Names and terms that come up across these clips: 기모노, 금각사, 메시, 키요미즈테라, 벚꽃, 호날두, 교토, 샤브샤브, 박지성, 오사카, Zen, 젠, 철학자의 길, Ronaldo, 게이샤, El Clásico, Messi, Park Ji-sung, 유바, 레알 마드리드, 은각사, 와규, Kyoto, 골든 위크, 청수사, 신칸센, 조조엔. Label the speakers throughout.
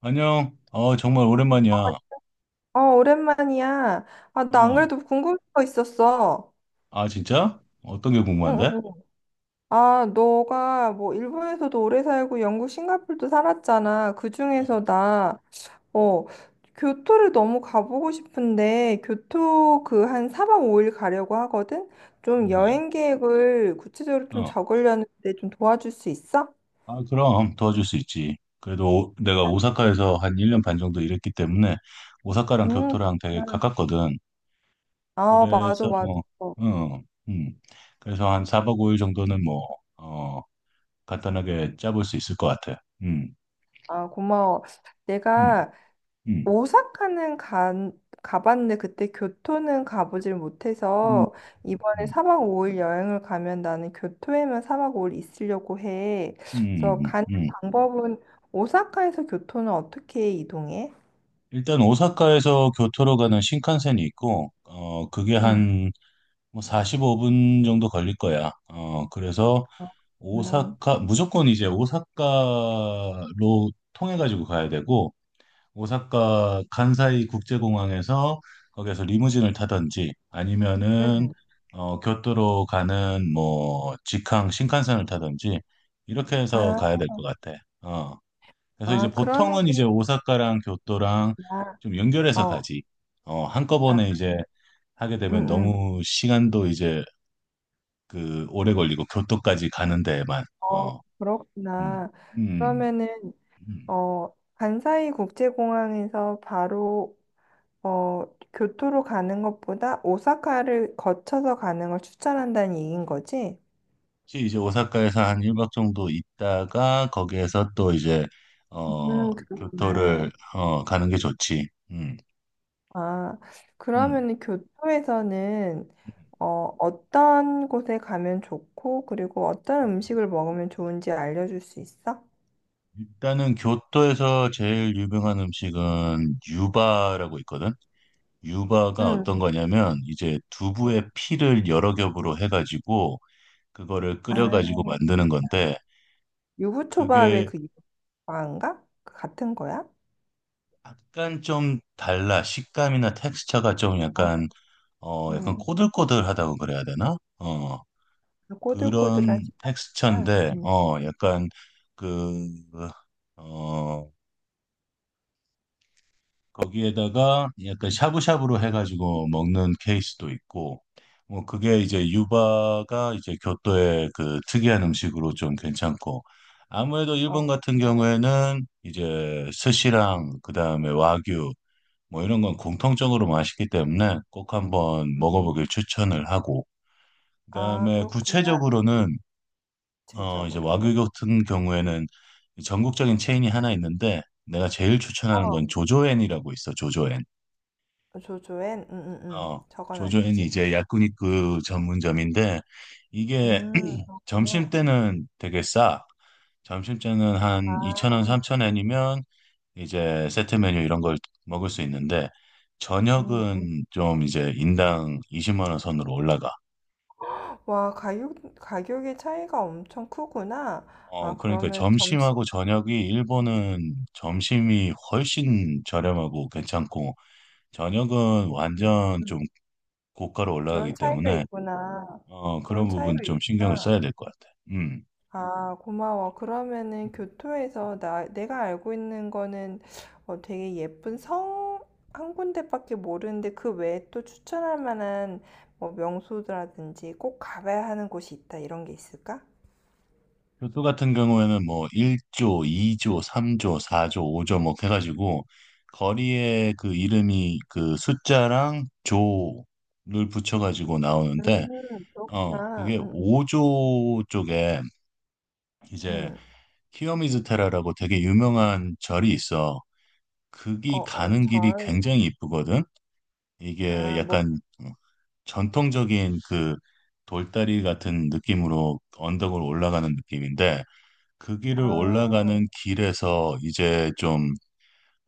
Speaker 1: 안녕. 정말 오랜만이야.
Speaker 2: 어, 오랜만이야. 아, 나 안
Speaker 1: 어.
Speaker 2: 그래도 궁금한 거 있었어.
Speaker 1: 아, 진짜? 어떤 게
Speaker 2: 응,
Speaker 1: 궁금한데?
Speaker 2: 응. 응. 아, 너가 뭐 일본에서도 오래 살고 영국, 싱가포르도 살았잖아. 그중에서 나, 어, 교토를 너무 가보고 싶은데, 교토 그 한 4박 5일 가려고 하거든? 좀
Speaker 1: 음,
Speaker 2: 여행 계획을 구체적으로 좀
Speaker 1: 어.
Speaker 2: 적으려는데 좀 도와줄 수 있어?
Speaker 1: 아, 그럼 도와줄 수 있지. 그래도 내가 오사카에서 한 1년 반 정도 일했기 때문에 오사카랑
Speaker 2: 응.
Speaker 1: 교토랑 되게 가깝거든.
Speaker 2: 아, 맞아,
Speaker 1: 그래서
Speaker 2: 맞아.
Speaker 1: 어, 어, 음. 그래서 한 4박 5일 정도는 뭐 어, 간단하게 짜볼 수 있을 것 같아. 음.
Speaker 2: 아, 고마워.
Speaker 1: 음.
Speaker 2: 내가
Speaker 1: 음.
Speaker 2: 오사카는 가봤는데 그때 교토는 가보질
Speaker 1: 음.
Speaker 2: 못해서 이번에
Speaker 1: 음.
Speaker 2: 사박 5일 여행을 가면 나는 교토에만 사박 5일 있으려고 해. 그래서
Speaker 1: 음.
Speaker 2: 가는
Speaker 1: 음. 음.
Speaker 2: 방법은 오사카에서 교토는 어떻게 이동해?
Speaker 1: 일단 오사카에서 교토로 가는 신칸센이 있고, 그게
Speaker 2: 음.
Speaker 1: 한 뭐 45분 정도 걸릴 거야. 그래서
Speaker 2: 어, 그렇구나.
Speaker 1: 오사카, 무조건 이제 오사카로 통해가지고 가야 되고, 오사카 간사이 국제공항에서 거기에서 리무진을 타든지 아니면은
Speaker 2: 음.
Speaker 1: 교토로 가는 뭐 직항 신칸센을 타든지 이렇게 해서
Speaker 2: 아,
Speaker 1: 가야 될 것 같아. 그래서 이제
Speaker 2: 아, 그러면,
Speaker 1: 보통은 이제 오사카랑 교토랑
Speaker 2: 나,
Speaker 1: 좀 연결해서
Speaker 2: 어,
Speaker 1: 가지.
Speaker 2: 아,
Speaker 1: 한꺼번에 이제 하게
Speaker 2: 음,
Speaker 1: 되면
Speaker 2: 음,
Speaker 1: 너무 시간도 이제 그 오래 걸리고 교토까지 가는 데만,
Speaker 2: 어,
Speaker 1: 어, 음,
Speaker 2: 그렇구나.
Speaker 1: 음,
Speaker 2: 그러면은,
Speaker 1: 음.
Speaker 2: 어, 간사이 국제공항에서 바로 어, 교토로 가는 것보다 오사카를 거쳐서 가는 걸 추천한다는 얘기인 거지?
Speaker 1: 혹시 이제 오사카에서 한 1박 정도 있다가 거기에서 또 이제 어, 교토를
Speaker 2: 그렇구나.
Speaker 1: 가는 게 좋지.
Speaker 2: 아,
Speaker 1: 음.
Speaker 2: 그러면은 교토에서는 어, 어떤 곳에 가면 좋고, 그리고 어떤 음식을 먹으면 좋은지 알려줄 수 있어?
Speaker 1: 일단은 교토에서 제일 유명한 음식은 유바라고 있거든. 유바가 어떤
Speaker 2: 응.
Speaker 1: 거냐면 이제 두부의 피를 여러 겹으로 해가지고 그거를
Speaker 2: 아,
Speaker 1: 끓여가지고 만드는 건데,
Speaker 2: 유부초밥의
Speaker 1: 그게
Speaker 2: 그 유부초밥인가? 그 같은 거야?
Speaker 1: 약간 좀 달라. 식감이나 텍스처가 좀
Speaker 2: 아,
Speaker 1: 약간
Speaker 2: 응.
Speaker 1: 꼬들꼬들하다고 그래야 되나?
Speaker 2: 그 꼬들꼬들한
Speaker 1: 그런
Speaker 2: 식감이구나.
Speaker 1: 텍스처인데,
Speaker 2: 음.
Speaker 1: 약간 그, 어, 거기에다가 약간 샤브샤브로 해가지고 먹는 케이스도 있고, 뭐 그게 이제 유바가 이제 교토의 그 특이한 음식으로 좀 괜찮고, 아무래도
Speaker 2: 아,
Speaker 1: 일본 같은
Speaker 2: 그렇구나.
Speaker 1: 경우에는 이제 스시랑 그다음에 와규 뭐 이런 건 공통적으로 맛있기 때문에 꼭 한번
Speaker 2: 음.
Speaker 1: 먹어보길 추천을 하고,
Speaker 2: 아,
Speaker 1: 그다음에
Speaker 2: 그렇구나.
Speaker 1: 구체적으로는 이제
Speaker 2: 제적으로는.
Speaker 1: 와규 같은 경우에는 전국적인 체인이 하나 있는데, 내가 제일 추천하는
Speaker 2: 어.
Speaker 1: 건 조조엔이라고 있어. 조조엔.
Speaker 2: 조조엔 응응응
Speaker 1: 어 조조엔이
Speaker 2: 적어놔야지.
Speaker 1: 이제 야쿠니크 전문점인데 이게
Speaker 2: 음,
Speaker 1: 점심
Speaker 2: 그렇구나.
Speaker 1: 때는 되게 싸. 점심때는
Speaker 2: 아.
Speaker 1: 한 2,000원, 3,000원이면 이제 세트 메뉴 이런 걸 먹을 수 있는데,
Speaker 2: 음음.
Speaker 1: 저녁은 좀 이제 인당 20만 원 선으로 올라가.
Speaker 2: 와, 가격의 차이가 엄청 크구나. 아,
Speaker 1: 그러니까
Speaker 2: 그러면 점심.
Speaker 1: 점심하고 저녁이, 일본은 점심이 훨씬 저렴하고 괜찮고, 저녁은
Speaker 2: 음,
Speaker 1: 완전
Speaker 2: 음.
Speaker 1: 좀 고가로
Speaker 2: 그런
Speaker 1: 올라가기
Speaker 2: 차이가
Speaker 1: 때문에
Speaker 2: 있구나. 그런
Speaker 1: 그런 부분
Speaker 2: 차이가
Speaker 1: 좀 신경을
Speaker 2: 있구나.
Speaker 1: 써야 될 것 같아. 음.
Speaker 2: 아, 고마워. 그러면은 교토에서 나 내가 알고 있는 거는 어, 되게 예쁜 성 한 군데밖에 모르는데 그 외에 또 추천할 만한 뭐 명소라든지 꼭 가봐야 하는 곳이 있다 이런 게 있을까?
Speaker 1: 교토 같은 경우에는 뭐 1조, 2조, 3조, 4조, 5조 뭐 해가지고 거리에 그 이름이 그 숫자랑 조를 붙여가지고 나오는데,
Speaker 2: 음, 그렇구나.
Speaker 1: 그게 5조 쪽에 이제
Speaker 2: 음.
Speaker 1: 키요미즈테라라고 되게 유명한 절이 있어.
Speaker 2: 어,
Speaker 1: 거기
Speaker 2: 어,
Speaker 1: 가는 길이
Speaker 2: 절.
Speaker 1: 굉장히 이쁘거든. 이게
Speaker 2: 아, 뭐,
Speaker 1: 약간 전통적인 그 돌다리 같은 느낌으로 언덕을 올라가는 느낌인데, 그 길을
Speaker 2: 아,
Speaker 1: 올라가는 길에서 이제 좀,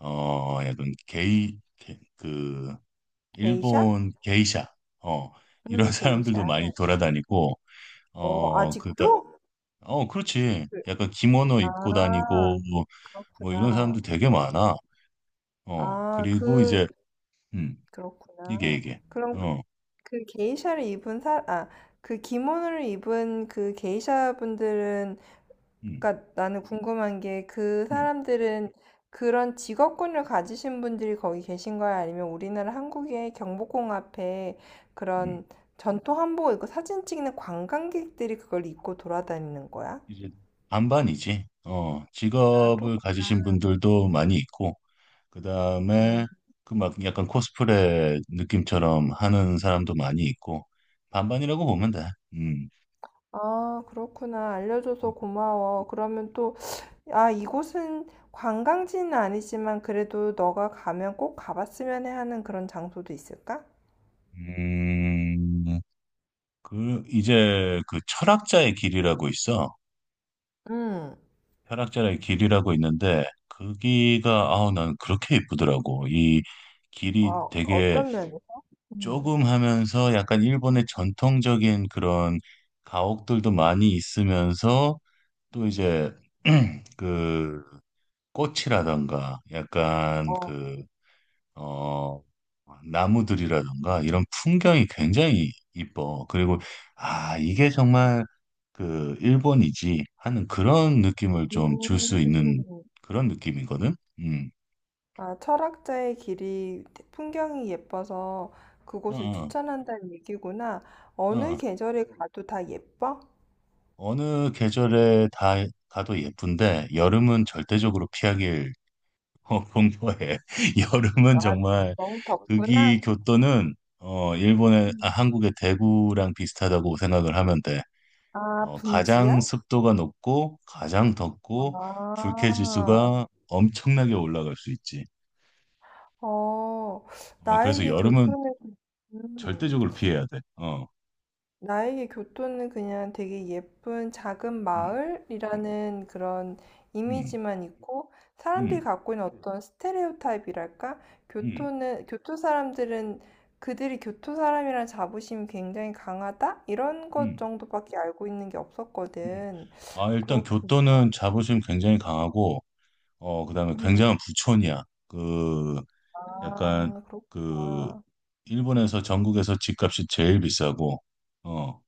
Speaker 1: 약간
Speaker 2: 게이샤?
Speaker 1: 일본 게이샤, 어, 이런 사람들도
Speaker 2: 게이샤.
Speaker 1: 많이 돌아다니고,
Speaker 2: 어,
Speaker 1: 어, 그다,
Speaker 2: 아직도?
Speaker 1: 그렇지.
Speaker 2: 그,
Speaker 1: 약간 기모노 입고 다니고,
Speaker 2: 아,
Speaker 1: 뭐 이런
Speaker 2: 그렇구나.
Speaker 1: 사람들 되게 많아.
Speaker 2: 아,
Speaker 1: 그리고
Speaker 2: 그,
Speaker 1: 이제, 음, 이게,
Speaker 2: 그렇구나.
Speaker 1: 이게,
Speaker 2: 그럼
Speaker 1: 어,
Speaker 2: 그 게이샤를 입은 아, 그 기모노를 입은 그 게이샤 분들은
Speaker 1: 음,
Speaker 2: 그러니까 나는 궁금한 게 그
Speaker 1: 음,
Speaker 2: 사람들은 그런 직업군을 가지신 분들이 거기 계신 거야? 아니면 우리나라 한국의 경복궁 앞에
Speaker 1: 음,
Speaker 2: 그런 전통 한복을 입고 사진 찍는 관광객들이 그걸 입고 돌아다니는 거야?
Speaker 1: 이제 반반이지.
Speaker 2: 아,
Speaker 1: 직업을 가지신 분들도 많이 있고, 그
Speaker 2: 그렇구나.
Speaker 1: 다음에 그 막 약간 코스프레 느낌처럼 하는 사람도 많이 있고, 반반이라고 보면 돼. 음.
Speaker 2: 아, 그렇구나. 알려줘서 고마워. 그러면 또, 아, 이곳은 관광지는 아니지만 그래도 너가 가면 꼭 가봤으면 해 하는 그런 장소도 있을까?
Speaker 1: 음, 그 이제 그 철학자의 길이라고 있어.
Speaker 2: 응.
Speaker 1: 철학자의 길이라고 있는데 거기가, 아우, 난 그렇게 예쁘더라고. 이
Speaker 2: 아,
Speaker 1: 길이 되게
Speaker 2: 어떤 면에서? 음.
Speaker 1: 조금 하면서 약간 일본의 전통적인 그런 가옥들도 많이 있으면서 또 이제 그 꽃이라던가, 약간
Speaker 2: 어.
Speaker 1: 어, 나무들이라던가 이런 풍경이 굉장히 이뻐. 그리고 아, 이게 정말 그 일본이지 하는 그런 느낌을 좀 줄 수 있는
Speaker 2: 음.
Speaker 1: 그런 느낌이거든. 음.
Speaker 2: 아, 철학자의 길이 풍경이 예뻐서 그곳을
Speaker 1: 어,
Speaker 2: 추천한다는 얘기구나.
Speaker 1: 어,
Speaker 2: 어느
Speaker 1: 어.
Speaker 2: 계절에 가도 다 예뻐?
Speaker 1: 어느 계절에 다 가도 예쁜데, 여름은 절대적으로 피하길 공부해. 여름은
Speaker 2: 아,
Speaker 1: 정말,
Speaker 2: 너무 덥구나.
Speaker 1: 거기 교토는 일본의,
Speaker 2: 음.
Speaker 1: 한국의 대구랑 비슷하다고 생각을 하면 돼.
Speaker 2: 아,
Speaker 1: 가장
Speaker 2: 분지야?
Speaker 1: 습도가 높고 가장 덥고 불쾌
Speaker 2: 아,
Speaker 1: 지수가 엄청나게 올라갈 수 있지.
Speaker 2: 어,
Speaker 1: 그래서
Speaker 2: 나에게
Speaker 1: 여름은
Speaker 2: 교통의, 음.
Speaker 1: 절대적으로 피해야 돼. 어.
Speaker 2: 나에게 교토는 그냥 되게 예쁜 작은
Speaker 1: 음.
Speaker 2: 마을이라는 그런
Speaker 1: 음.
Speaker 2: 이미지만 있고 사람들이
Speaker 1: 음.
Speaker 2: 갖고 있는 어떤 스테레오타입이랄까?
Speaker 1: 음.
Speaker 2: 교토는 교토 사람들은 그들이 교토 사람이라는 자부심이 굉장히 강하다? 이런 것
Speaker 1: 음.
Speaker 2: 정도밖에 알고 있는 게
Speaker 1: 음.
Speaker 2: 없었거든.
Speaker 1: 아, 일단
Speaker 2: 그렇구나.
Speaker 1: 교토는 자부심 굉장히 강하고 그다음에
Speaker 2: 음.
Speaker 1: 굉장한 부촌이야. 그 약간
Speaker 2: 아,
Speaker 1: 그
Speaker 2: 그렇구나.
Speaker 1: 일본에서, 전국에서 집값이 제일 비싸고, 어,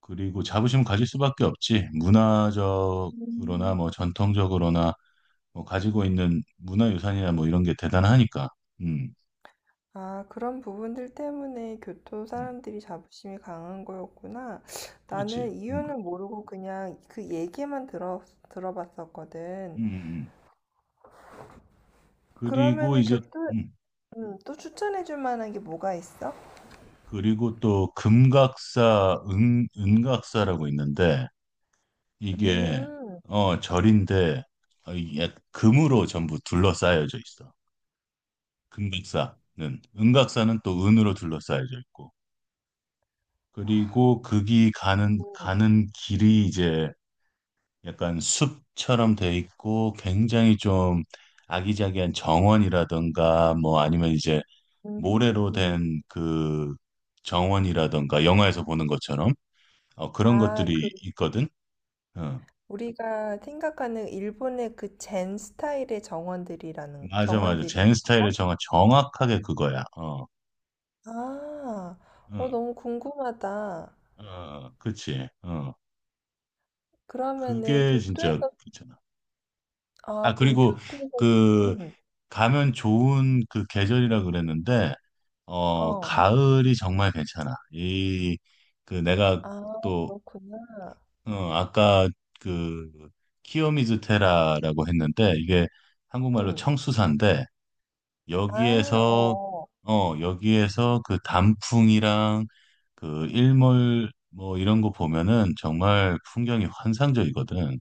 Speaker 1: 그리고 자부심 가질 수밖에 없지. 문화적으로나
Speaker 2: 음.
Speaker 1: 뭐 전통적으로나 뭐 가지고 있는 문화유산이나 뭐 이런 게 대단하니까. 음,
Speaker 2: 아, 그런 부분들 때문에 교토
Speaker 1: 음,
Speaker 2: 사람들이 자부심이 강한 거였구나. 나는
Speaker 1: 그렇지.
Speaker 2: 이유는 모르고 그냥 그 얘기만 들어봤었거든.
Speaker 1: 음. 그리고
Speaker 2: 그러면은
Speaker 1: 이제,
Speaker 2: 교토,
Speaker 1: 음,
Speaker 2: 또 추천해줄 만한 게 뭐가 있어?
Speaker 1: 그리고 또 금각사, 은, 은각사라고 있는데, 이게
Speaker 2: 음,
Speaker 1: 절인데, 이게 금으로 전부 둘러싸여져 있어. 금각사는. 은각사는 또 은으로 둘러싸여져 있고. 그리고 거기 가는 길이 이제 약간 숲처럼 돼 있고, 굉장히 좀 아기자기한 정원이라든가, 뭐 아니면 이제
Speaker 2: 음,
Speaker 1: 모래로
Speaker 2: 음.
Speaker 1: 된 그 정원이라든가, 영화에서 보는 것처럼 그런
Speaker 2: 아, 그,
Speaker 1: 것들이 있거든. 어,
Speaker 2: 우리가 생각하는 일본의 그 젠 스타일의 정원들이라는,
Speaker 1: 맞아 맞아.
Speaker 2: 정원들인가?
Speaker 1: 젠 스타일의, 정화 정확하게 그거야. 어,
Speaker 2: 아, 어,
Speaker 1: 응,
Speaker 2: 너무 궁금하다.
Speaker 1: 어, 그치.
Speaker 2: 그러면은
Speaker 1: 그게 진짜
Speaker 2: 교토에서
Speaker 1: 괜찮아. 아,
Speaker 2: 아, 그럼
Speaker 1: 그리고
Speaker 2: 교토에서.
Speaker 1: 그
Speaker 2: 음.
Speaker 1: 가면 좋은 그 계절이라 그랬는데,
Speaker 2: 어.
Speaker 1: 가을이 정말 괜찮아. 내가
Speaker 2: 아,
Speaker 1: 또,
Speaker 2: 그렇구나.
Speaker 1: 아까 그, 키요미즈테라라고 했는데, 이게 한국말로
Speaker 2: 음.
Speaker 1: 청수사인데,
Speaker 2: 아,
Speaker 1: 여기에서,
Speaker 2: 어,
Speaker 1: 여기에서 그 단풍이랑 그 일몰 뭐 이런 거 보면은 정말 풍경이 환상적이거든.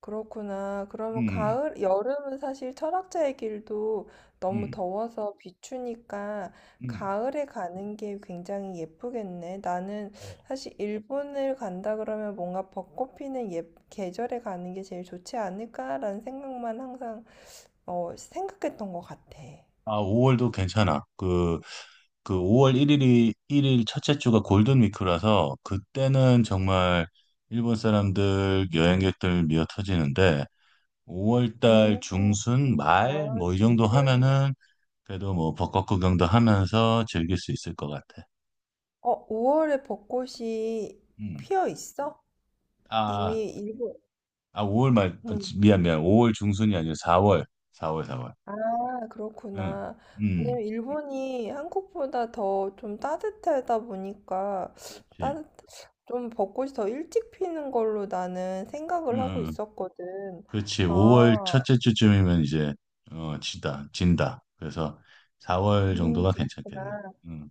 Speaker 2: 그렇구나. 그러면
Speaker 1: 음,
Speaker 2: 가을, 여름은 사실 철학자의 길도 너무
Speaker 1: 음,
Speaker 2: 더워서 비추니까
Speaker 1: 음.
Speaker 2: 가을에 가는 게 굉장히 예쁘겠네. 나는
Speaker 1: 어.
Speaker 2: 사실 일본을 간다 그러면 뭔가 벚꽃 피는 계절에 가는 게 제일 좋지 않을까라는 생각만 항상, 어, 생각했던 것 같아.
Speaker 1: 아, 5월도 괜찮아. 그 5월 1일이, 1일 첫째 주가 골든 위크라서 그때는 정말 일본 사람들, 여행객들 미어 터지는데, 5월 달
Speaker 2: 음.
Speaker 1: 중순 말
Speaker 2: 와,
Speaker 1: 뭐 이 정도
Speaker 2: 정말.
Speaker 1: 하면은 그래도 뭐 벚꽃 구경도 하면서 즐길 수 있을 것 같아.
Speaker 2: 어, 5월에 벚꽃이
Speaker 1: 음.
Speaker 2: 피어 있어?
Speaker 1: 아,
Speaker 2: 이미 일본,
Speaker 1: 아 5월 말, 아,
Speaker 2: 음.
Speaker 1: 미안 미안. 5월 중순이 아니라 4월. 4월 4월.
Speaker 2: 아,
Speaker 1: 응.
Speaker 2: 그렇구나.
Speaker 1: 음.
Speaker 2: 왜냐면 일본이 한국보다 더 좀 따뜻하다 보니까
Speaker 1: 그렇지.
Speaker 2: 따뜻, 좀 벚꽃이 더 일찍 피는 걸로 나는
Speaker 1: 응.
Speaker 2: 생각을 하고
Speaker 1: 응. 응.
Speaker 2: 있었거든.
Speaker 1: 그렇지.
Speaker 2: 아,
Speaker 1: 5월 첫째 주쯤이면 이제 진다 진다. 그래서 4월 정도가 괜찮겠네.
Speaker 2: 그렇구나.
Speaker 1: 음,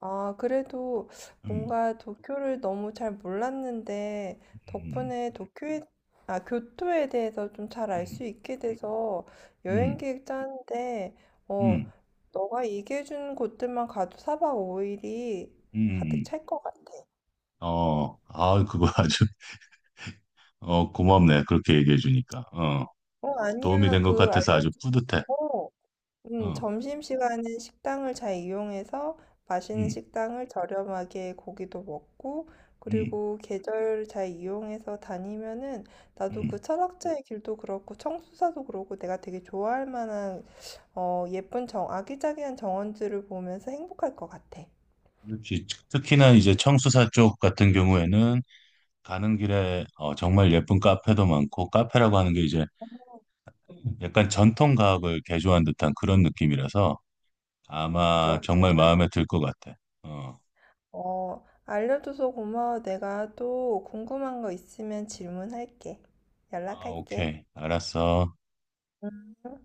Speaker 2: 아, 그래도
Speaker 1: 음,
Speaker 2: 뭔가 도쿄를 너무 잘 몰랐는데,
Speaker 1: 음,
Speaker 2: 덕분에 교토에 대해서 좀 잘 알
Speaker 1: 음,
Speaker 2: 수 있게 돼서
Speaker 1: 음,
Speaker 2: 여행
Speaker 1: 음,
Speaker 2: 계획 짜는데, 어,
Speaker 1: 음,
Speaker 2: 너가 얘기해준 곳들만 가도 사박오일이 가득
Speaker 1: 음.
Speaker 2: 찰 것 같아.
Speaker 1: 아 그거 아주 고맙네. 그렇게 얘기해 주니까
Speaker 2: 어,
Speaker 1: 도움이
Speaker 2: 아니야.
Speaker 1: 된 것
Speaker 2: 그,
Speaker 1: 같아서 아주
Speaker 2: 알려줘.
Speaker 1: 뿌듯해. 어,
Speaker 2: 점심시간에 식당을 잘 이용해서 맛있는
Speaker 1: 음,
Speaker 2: 식당을 저렴하게 고기도 먹고,
Speaker 1: 음,
Speaker 2: 그리고 계절 잘 이용해서 다니면은 나도
Speaker 1: 음.
Speaker 2: 그 철학자의 길도 그렇고 청수사도 그렇고 내가 되게 좋아할 만한 어, 예쁜 아기자기한 정원들을 보면서 행복할 것 같아.
Speaker 1: 그렇지. 특히나 이제 청수사 쪽 같은 경우에는 가는 길에 정말 예쁜 카페도 많고, 카페라고 하는 게 이제 약간 전통 과학을 개조한 듯한 그런 느낌이라서 아마
Speaker 2: 그렇군.
Speaker 1: 정말 마음에 들 것 같아. 어.
Speaker 2: 어, 알려줘서 고마워. 내가 또 궁금한 거 있으면 질문할게.
Speaker 1: 아,
Speaker 2: 연락할게.
Speaker 1: 오케이. 알았어.
Speaker 2: 음.